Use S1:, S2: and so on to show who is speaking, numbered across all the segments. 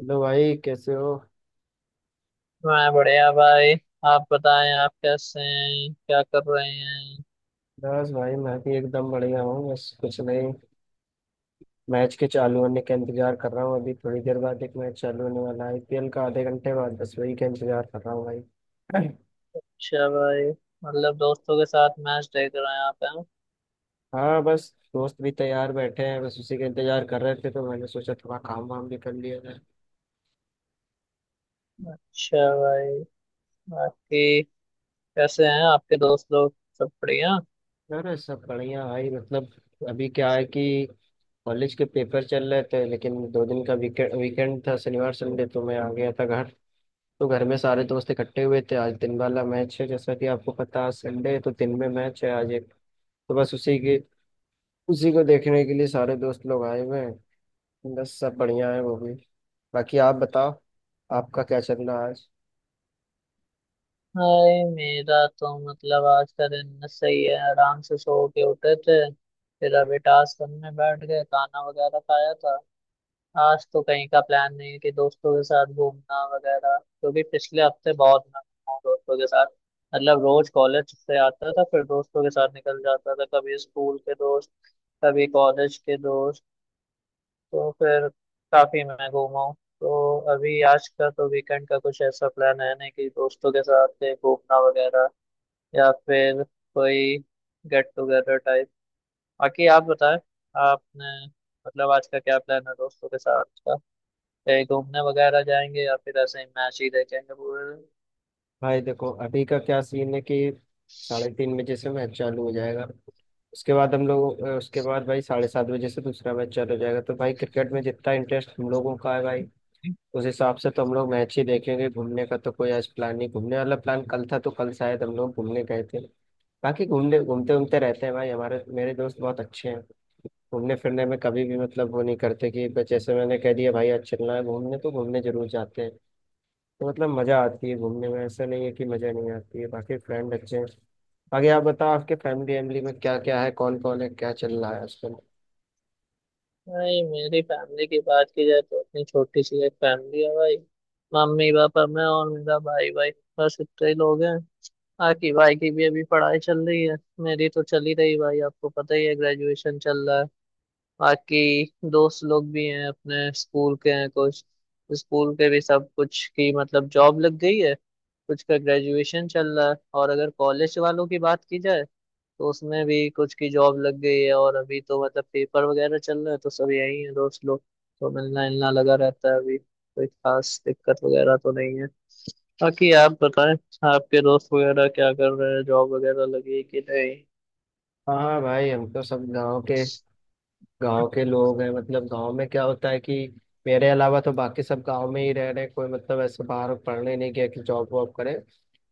S1: Hello भाई, कैसे हो।
S2: मैं बढ़िया भाई। आप बताएं, आप कैसे हैं, क्या कर रहे हैं?
S1: बस भाई, मैं भी एकदम बढ़िया हूँ। बस कुछ नहीं, मैच के चालू होने का इंतजार कर रहा हूँ। अभी थोड़ी देर बाद एक मैच चालू होने वाला है, आईपीएल का, आधे घंटे बाद। बस वही का इंतजार कर रहा हूँ भाई।
S2: अच्छा भाई, मतलब दोस्तों के साथ मैच देख रहे हैं आप हैं।
S1: हाँ बस, दोस्त भी तैयार बैठे हैं, बस उसी का इंतजार कर रहे थे तो मैंने सोचा थोड़ा काम वाम भी कर लिया जाए।
S2: अच्छा भाई, बाकी कैसे हैं आपके दोस्त लोग, सब बढ़िया?
S1: अरे सब बढ़िया भाई। मतलब अभी क्या है कि कॉलेज के पेपर चल रहे थे, लेकिन 2 दिन का वीकेंड वीकेंड था, शनिवार संडे, तो मैं आ गया था घर। तो घर में सारे दोस्त इकट्ठे हुए थे। आज दिन वाला मैच है, जैसा कि आपको पता है संडे है तो दिन में मैच है आज एक। तो बस उसी को देखने के लिए सारे दोस्त लोग आए हुए हैं, बस सब बढ़िया है वो भी। बाकी आप बताओ, आपका क्या चल रहा है आज।
S2: भाई मेरा तो मतलब आज का दिन सही है, आराम से सो के उठे थे। फिर अभी टास्क करने बैठ गए, खाना वगैरह खाया था। आज तो कहीं का प्लान नहीं है कि दोस्तों के साथ घूमना वगैरह, क्योंकि पिछले हफ्ते बहुत मैं घूमा हूँ दोस्तों के साथ। मतलब रोज कॉलेज से आता था फिर दोस्तों के साथ निकल जाता था, कभी स्कूल के दोस्त कभी कॉलेज के दोस्त, तो फिर काफी मैं घूमा हूँ। तो अभी आज का तो वीकेंड का कुछ ऐसा प्लान है नहीं कि दोस्तों के साथ कहीं घूमना वगैरह, या फिर कोई गेट टुगेदर टाइप। बाकी आप बताएं, आपने मतलब आज का क्या प्लान है दोस्तों के साथ का? कहीं घूमने वगैरह जाएंगे या फिर ऐसे ही मैच ही देखेंगे पूरे
S1: भाई देखो अभी का क्या सीन है कि 3:30 बजे से मैच चालू हो जाएगा। उसके बाद हम लोग उसके बाद भाई 7:30 बजे से दूसरा मैच चालू हो जाएगा। तो भाई क्रिकेट में जितना इंटरेस्ट हम लोगों का है भाई,
S2: दिन?
S1: उस हिसाब से तो हम लोग मैच ही देखेंगे। घूमने का तो कोई आज प्लान नहीं, घूमने वाला प्लान कल था, तो कल शायद हम लोग घूमने गए थे। बाकी घूमने घूमते घूमते रहते हैं भाई, हमारे मेरे दोस्त बहुत अच्छे हैं। घूमने फिरने में कभी भी, मतलब वो नहीं करते कि बस जैसे मैंने कह दिया भाई आज चलना है घूमने, तो घूमने जरूर जाते हैं। तो मतलब मजा आती है घूमने में, ऐसा नहीं है कि मजा नहीं आती है। बाकी फ्रेंड अच्छे हैं। बाकी आप बताओ, आपके फैमिली वैमिली में क्या क्या है, कौन कौन है, क्या चल रहा है आजकल।
S2: भाई मेरी फैमिली की बात की जाए तो अपनी छोटी सी एक फैमिली है भाई। मम्मी पापा मैं और मेरा भाई भाई, बस इतने ही लोग हैं। बाकी भाई की भी अभी पढ़ाई चल रही है, मेरी तो चल ही रही भाई, आपको पता ही है ग्रेजुएशन चल रहा है। बाकी दोस्त लोग भी हैं अपने, स्कूल के हैं कुछ। स्कूल के भी सब कुछ की मतलब जॉब लग गई है, कुछ का ग्रेजुएशन चल रहा है। और अगर कॉलेज वालों की बात की जाए तो उसमें भी कुछ की जॉब लग गई है, और अभी तो मतलब पेपर वगैरह चल रहे हैं, तो सब यही है दोस्त लोग। तो मिलना मिलना लगा रहता है, अभी कोई खास दिक्कत वगैरह तो नहीं है। बाकी आप बताएं, आपके दोस्त वगैरह क्या कर रहे हैं, जॉब वगैरह लगी है कि नहीं?
S1: हाँ हाँ भाई, हम तो सब गाँव के गांव के लोग हैं। मतलब गांव में क्या होता है कि मेरे अलावा तो बाकी सब गांव में ही रह रहे हैं। कोई मतलब ऐसे बाहर पढ़ने नहीं गया कि जॉब वॉब करे,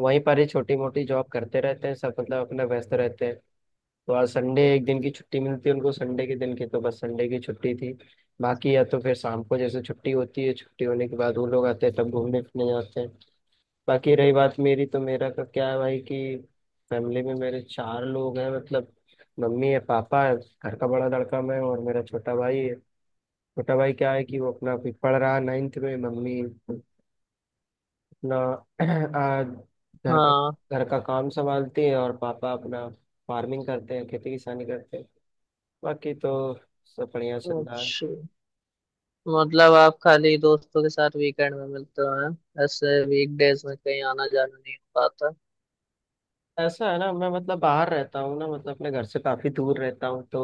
S1: वहीं पर ही छोटी मोटी जॉब करते रहते हैं सब, मतलब अपना व्यस्त रहते हैं। तो आज संडे एक दिन की छुट्टी मिलती है उनको संडे के दिन की, तो बस संडे की छुट्टी थी। बाकी या तो फिर शाम को जैसे छुट्टी होती है, छुट्टी होने के बाद वो लोग आते हैं तब घूमने फिरने जाते हैं। बाकी रही बात मेरी, तो मेरा का क्या है भाई कि फैमिली में मेरे 4 लोग हैं मतलब। मम्मी है, पापा है, घर का बड़ा लड़का मैं हूँ, और मेरा छोटा भाई है। छोटा भाई क्या है कि वो अपना अभी पढ़ रहा है नाइन्थ में। मम्मी अपना आ, घर का
S2: हाँ।
S1: घर का काम संभालती है, और पापा अपना फार्मिंग करते हैं, खेती किसानी करते हैं। बाकी तो सब बढ़िया चल रहा है।
S2: अच्छा, मतलब आप खाली दोस्तों के साथ वीकेंड में मिलते हो हैं, ऐसे वीकडेज में कहीं आना जाना नहीं हो पाता।
S1: ऐसा है ना, मैं मतलब बाहर रहता हूँ ना, मतलब अपने घर से काफी दूर रहता हूँ, तो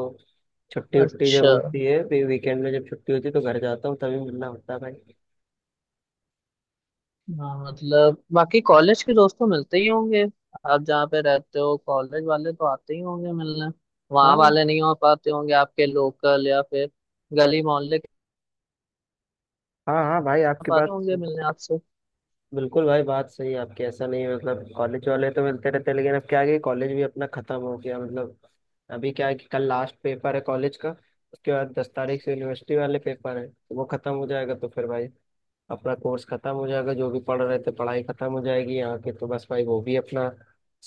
S1: छुट्टी उट्टी जब
S2: अच्छा,
S1: होती है, फिर वीकेंड में जब छुट्टी होती है तो घर जाता हूँ, तभी मिलना होता है भाई।
S2: हाँ, मतलब बाकी कॉलेज के दोस्त तो मिलते ही होंगे, आप जहाँ पे रहते हो कॉलेज वाले तो आते ही होंगे मिलने। वहाँ
S1: हाँ
S2: वाले नहीं हो पाते होंगे आपके, लोकल या फिर गली मोहल्ले के
S1: हाँ हाँ भाई,
S2: आ
S1: आपकी
S2: पाते
S1: बात
S2: होंगे मिलने आपसे?
S1: बिल्कुल भाई, बात सही है आपकी। ऐसा नहीं है मतलब कॉलेज वाले तो मिलते रहते हैं, लेकिन अब क्या है कि कॉलेज भी अपना खत्म हो गया मतलब। अभी क्या है कि कल लास्ट पेपर है कॉलेज का। उसके बाद 10 तारीख से यूनिवर्सिटी वाले पेपर है, तो वो खत्म हो जाएगा, तो फिर भाई अपना कोर्स खत्म हो जाएगा, जो भी पढ़ रहे थे पढ़ाई खत्म हो जाएगी यहाँ के, तो बस भाई वो भी अपना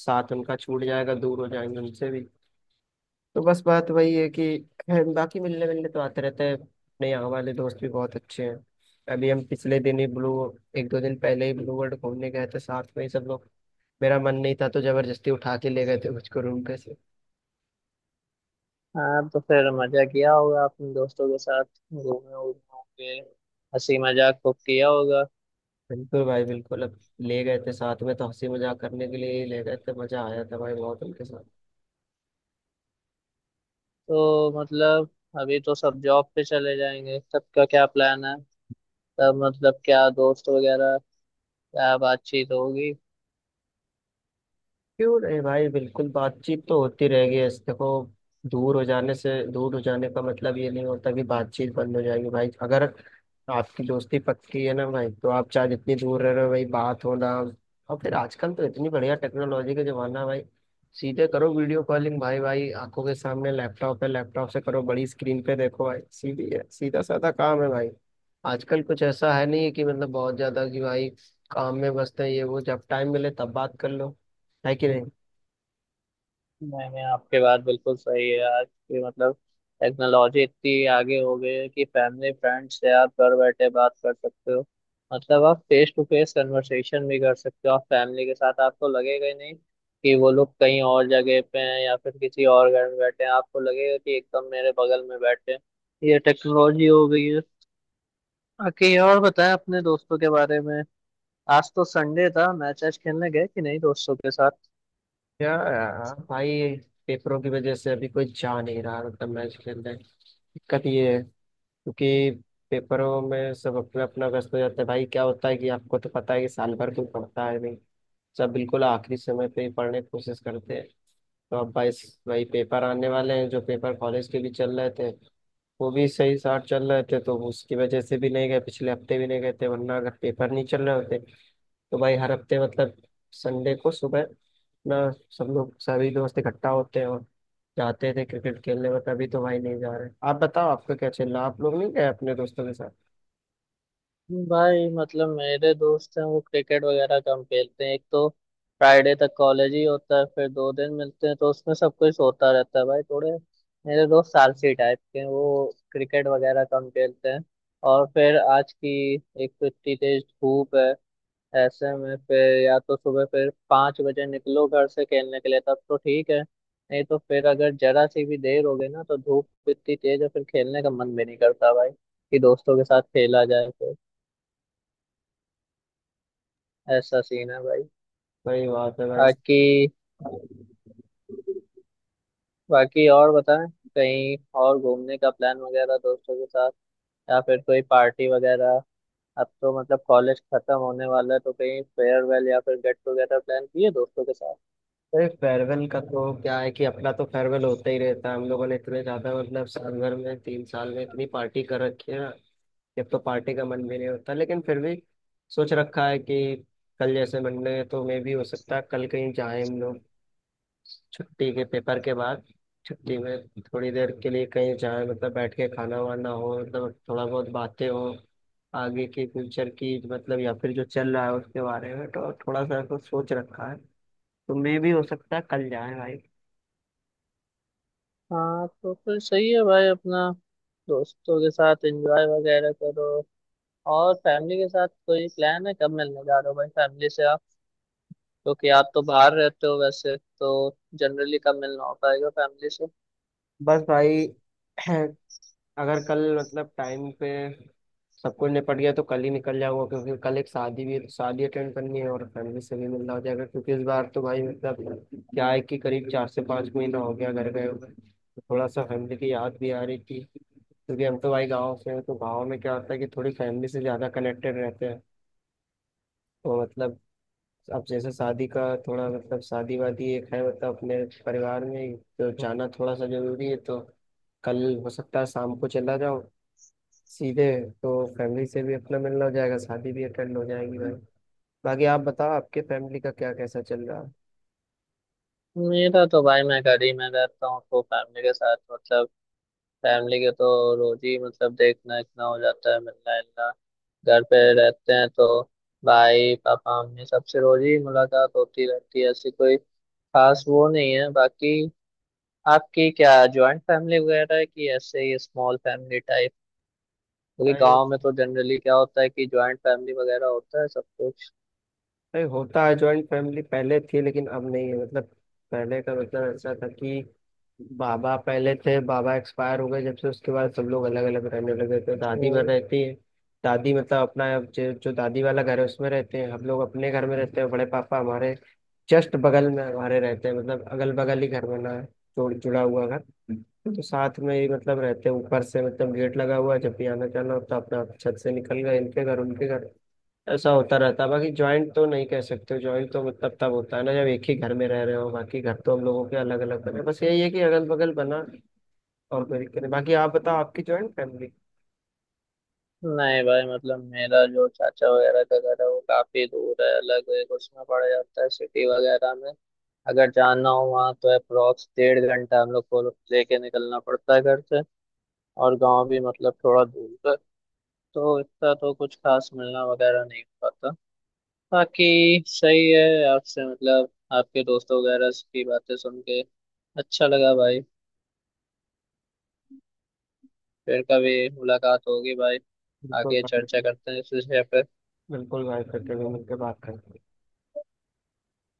S1: साथ उनका छूट जाएगा, दूर हो जाएंगे उनसे भी। तो बस बात वही है कि बाकी मिलने मिलने तो आते रहते हैं, अपने यहाँ वाले दोस्त भी बहुत अच्छे हैं। अभी हम पिछले दिन ही ब्लू 1-2 दिन पहले ही ब्लू वर्ल्ड घूमने गए थे साथ में ही सब लोग। मेरा मन नहीं था तो जबरदस्ती उठा के ले गए थे मुझको रूम पे से।
S2: हाँ तो फिर मजा किया होगा अपने दोस्तों के साथ, घूमे उमे होंगे, हंसी मजाक खूब किया होगा।
S1: बिल्कुल भाई बिल्कुल, अब ले गए थे साथ में, तो हंसी मजाक करने के लिए ही ले गए थे, मजा आया था भाई बहुत उनके साथ।
S2: तो मतलब अभी तो सब जॉब पे चले जाएंगे, सबका क्या प्लान है, तब मतलब क्या दोस्त वगैरह क्या बातचीत होगी?
S1: क्यों नहीं भाई, बिल्कुल बातचीत तो होती रहेगी। ऐसे देखो, दूर हो जाने से, दूर हो जाने का मतलब ये नहीं होता कि बातचीत बंद हो जाएगी भाई। अगर आपकी दोस्ती पक्की है ना भाई, तो आप चाहे जितनी दूर रह रहे हो भाई, बात हो ना। और फिर आजकल तो इतनी बढ़िया टेक्नोलॉजी का जमाना है भाई। सीधे करो वीडियो कॉलिंग भाई भाई आंखों के सामने लैपटॉप है, लैपटॉप से करो, बड़ी स्क्रीन पे देखो भाई, सीधी है, सीधा साधा काम है भाई। आजकल कुछ ऐसा है नहीं कि मतलब बहुत ज्यादा कि भाई काम में व्यस्त है ये वो, जब टाइम मिले तब बात कर लो। है कि नहीं।
S2: नहीं नहीं, आपकी बात बिल्कुल सही है यार, कि मतलब टेक्नोलॉजी इतनी आगे हो गई है कि फैमिली फ्रेंड से आप घर बैठे बात कर सकते हो। मतलब आप फेस टू फेस कन्वर्सेशन भी कर सकते हो आप फैमिली के साथ, आपको लगेगा ही नहीं कि वो लोग कहीं और जगह पे हैं या फिर किसी और घर में बैठे हैं, आपको लगेगा कि एकदम मेरे बगल में बैठे हैं। ये टेक्नोलॉजी हो गई है। बाकी और बताएं अपने दोस्तों के बारे में, आज तो संडे था, मैच आज खेलने गए कि नहीं दोस्तों के साथ?
S1: क्या यार भाई, पेपरों की वजह से अभी कोई जा नहीं रहा। मतलब मैं इसके अंदर दिक्कत ये है क्योंकि पेपरों में सब अपना अपना व्यस्त हो जाते हैं भाई। क्या होता है कि आपको तो पता है कि साल भर कोई पढ़ता है नहीं, सब बिल्कुल आखिरी समय पे ही पढ़ने की कोशिश करते हैं। तो अब भाई, पेपर आने वाले हैं, जो पेपर कॉलेज के भी चल रहे थे वो भी सही साथ चल रहे थे, तो उसकी वजह से भी नहीं गए, पिछले हफ्ते भी नहीं गए थे। वरना अगर पेपर नहीं चल रहे होते तो भाई हर हफ्ते मतलब संडे को सुबह ना, सब लोग सभी दोस्त इकट्ठा होते हैं और जाते थे क्रिकेट खेलने में, तभी तो भाई नहीं जा रहे। आप बताओ आपका क्या चल रहा, आप लोग नहीं गए अपने दोस्तों के साथ।
S2: भाई मतलब मेरे दोस्त हैं वो क्रिकेट वगैरह कम खेलते हैं। एक तो फ्राइडे तक कॉलेज ही होता है, फिर दो दिन मिलते हैं तो उसमें सब कोई सोता रहता है भाई। थोड़े मेरे दोस्त आलसी टाइप के हैं, वो क्रिकेट वगैरह कम खेलते हैं। और फिर आज की, एक तो इतनी तेज धूप है, ऐसे में फिर या तो सुबह फिर 5 बजे निकलो घर से खेलने के लिए तब तो ठीक है, नहीं तो फिर अगर जरा सी भी देर हो गई ना तो धूप इतनी तेज है फिर खेलने का मन भी नहीं करता भाई, कि दोस्तों के साथ खेला जाए फिर। ऐसा सीन है भाई।
S1: वही बात है भाई।
S2: बाकी बाकी और बताएं, कहीं और घूमने का प्लान वगैरह दोस्तों के साथ, या फिर कोई पार्टी वगैरह? अब तो मतलब कॉलेज खत्म होने वाला है, तो कहीं फेयरवेल या फिर गेट टुगेदर प्लान किए दोस्तों के साथ?
S1: अरे फेयरवेल का तो क्या है कि अपना तो फेयरवेल होता ही रहता है, हम लोगों ने इतने ज्यादा मतलब साल भर में 3 साल में इतनी पार्टी कर रखी है ना, जब तो पार्टी का मन भी नहीं होता, लेकिन फिर भी सोच रखा है कि कल जैसे मंडे है तो मे भी हो सकता है कल कहीं जाए हम लोग। छुट्टी के, पेपर के बाद छुट्टी में थोड़ी देर के लिए कहीं जाए, मतलब बैठ के खाना वाना हो, मतलब थोड़ा बहुत बातें हो आगे के फ्यूचर की, मतलब या फिर जो चल रहा है उसके बारे में, तो थोड़ा सा ऐसा सोच रखा है, तो मे भी हो सकता है कल जाए भाई।
S2: हाँ तो फिर सही है भाई, अपना दोस्तों के साथ एंजॉय वगैरह करो। और फैमिली के साथ कोई प्लान है, कब मिलने जा रहे हो भाई फैमिली से आप? क्योंकि आप तो बाहर रहते हो वैसे तो, जनरली कब मिलना हो पाएगा फैमिली से?
S1: बस भाई अगर कल मतलब टाइम पे सब कुछ निपट गया तो कल ही निकल जाऊंगा, क्योंकि कल एक शादी भी है, तो शादी अटेंड करनी है और फैमिली से भी मिलना हो जाएगा। क्योंकि इस बार तो भाई मतलब क्या है कि करीब 4 से 5 महीना हो गया घर गए हुए, तो थोड़ा सा फैमिली की याद भी आ रही थी, क्योंकि हम तो भाई गाँव से हैं, तो गाँव में क्या होता है कि थोड़ी फैमिली से ज़्यादा कनेक्टेड रहते हैं। तो मतलब अब जैसे शादी वादी एक है, मतलब अपने परिवार में ही, तो जाना थोड़ा सा जरूरी है, तो कल हो सकता है शाम को चला जाओ सीधे, तो फैमिली से भी अपना मिलना हो जाएगा, शादी भी अटेंड हो जाएगी भाई। बाकी आप बताओ आपके फैमिली का क्या कैसा चल रहा है।
S2: मेरा तो भाई, मैं घर ही में रहता हूँ तो फैमिली के साथ मतलब, फैमिली के तो रोज ही मतलब देखना इतना हो जाता है, मिलना इतना, घर पे रहते हैं तो। भाई पापा मम्मी सबसे रोज ही मुलाकात होती रहती है, ऐसी कोई खास वो नहीं है। बाकी आपकी क्या जॉइंट फैमिली वगैरह है कि ऐसे ही स्मॉल फैमिली टाइप? क्योंकि
S1: भाई,
S2: गांव में तो जनरली क्या होता है कि जॉइंट फैमिली वगैरह होता है सब
S1: होता है जॉइंट फैमिली पहले थी लेकिन अब नहीं है, मतलब पहले का मतलब ऐसा था कि बाबा पहले थे, बाबा एक्सपायर हो गए, जब से उसके बाद सब लोग अलग अलग रहने लगे, तो दादी में
S2: कुछ।
S1: रहती है। दादी मतलब अपना जो जो दादी वाला घर है उसमें रहते हैं हम लोग, अपने घर में रहते हैं। बड़े पापा हमारे जस्ट बगल में हमारे रहते हैं, मतलब अगल बगल ही घर बना है, जोड़ जुड़ा हुआ घर। तो साथ में ही मतलब रहते हैं, ऊपर से मतलब गेट लगा हुआ है, जब भी आना जाना होता है अपना छत से निकल गए इनके घर उनके घर, ऐसा होता रहता है। बाकी ज्वाइंट तो नहीं कह सकते, ज्वाइंट तो मतलब तब होता है ना जब एक ही घर में रह रहे हो, बाकी घर तो हम लोगों के अलग अलग बने, बस यही है कि अगल बगल बना, और कोई दिक्कत नहीं। बाकी आप बताओ आपकी ज्वाइंट फैमिली।
S2: नहीं भाई, मतलब मेरा जो चाचा वगैरह का घर है वो काफी दूर है, अलग एक उसमें पड़ जाता है सिटी वगैरह में। अगर जाना हो वहाँ तो अप्रोक्स 1.5 घंटा हम लोग को लेके निकलना पड़ता है घर से, और गांव भी मतलब थोड़ा दूर है, तो इतना तो कुछ खास मिलना वगैरह नहीं हो पाता। बाकी सही है आपसे, मतलब आपके दोस्तों वगैरह की बातें सुन के अच्छा लगा भाई। फिर कभी मुलाकात होगी भाई,
S1: बिल्कुल
S2: आगे
S1: भाई,
S2: चर्चा करते हैं इस विषय पे।
S1: बिल्कुल भाई, करके भी मिलकर बात करते हैं।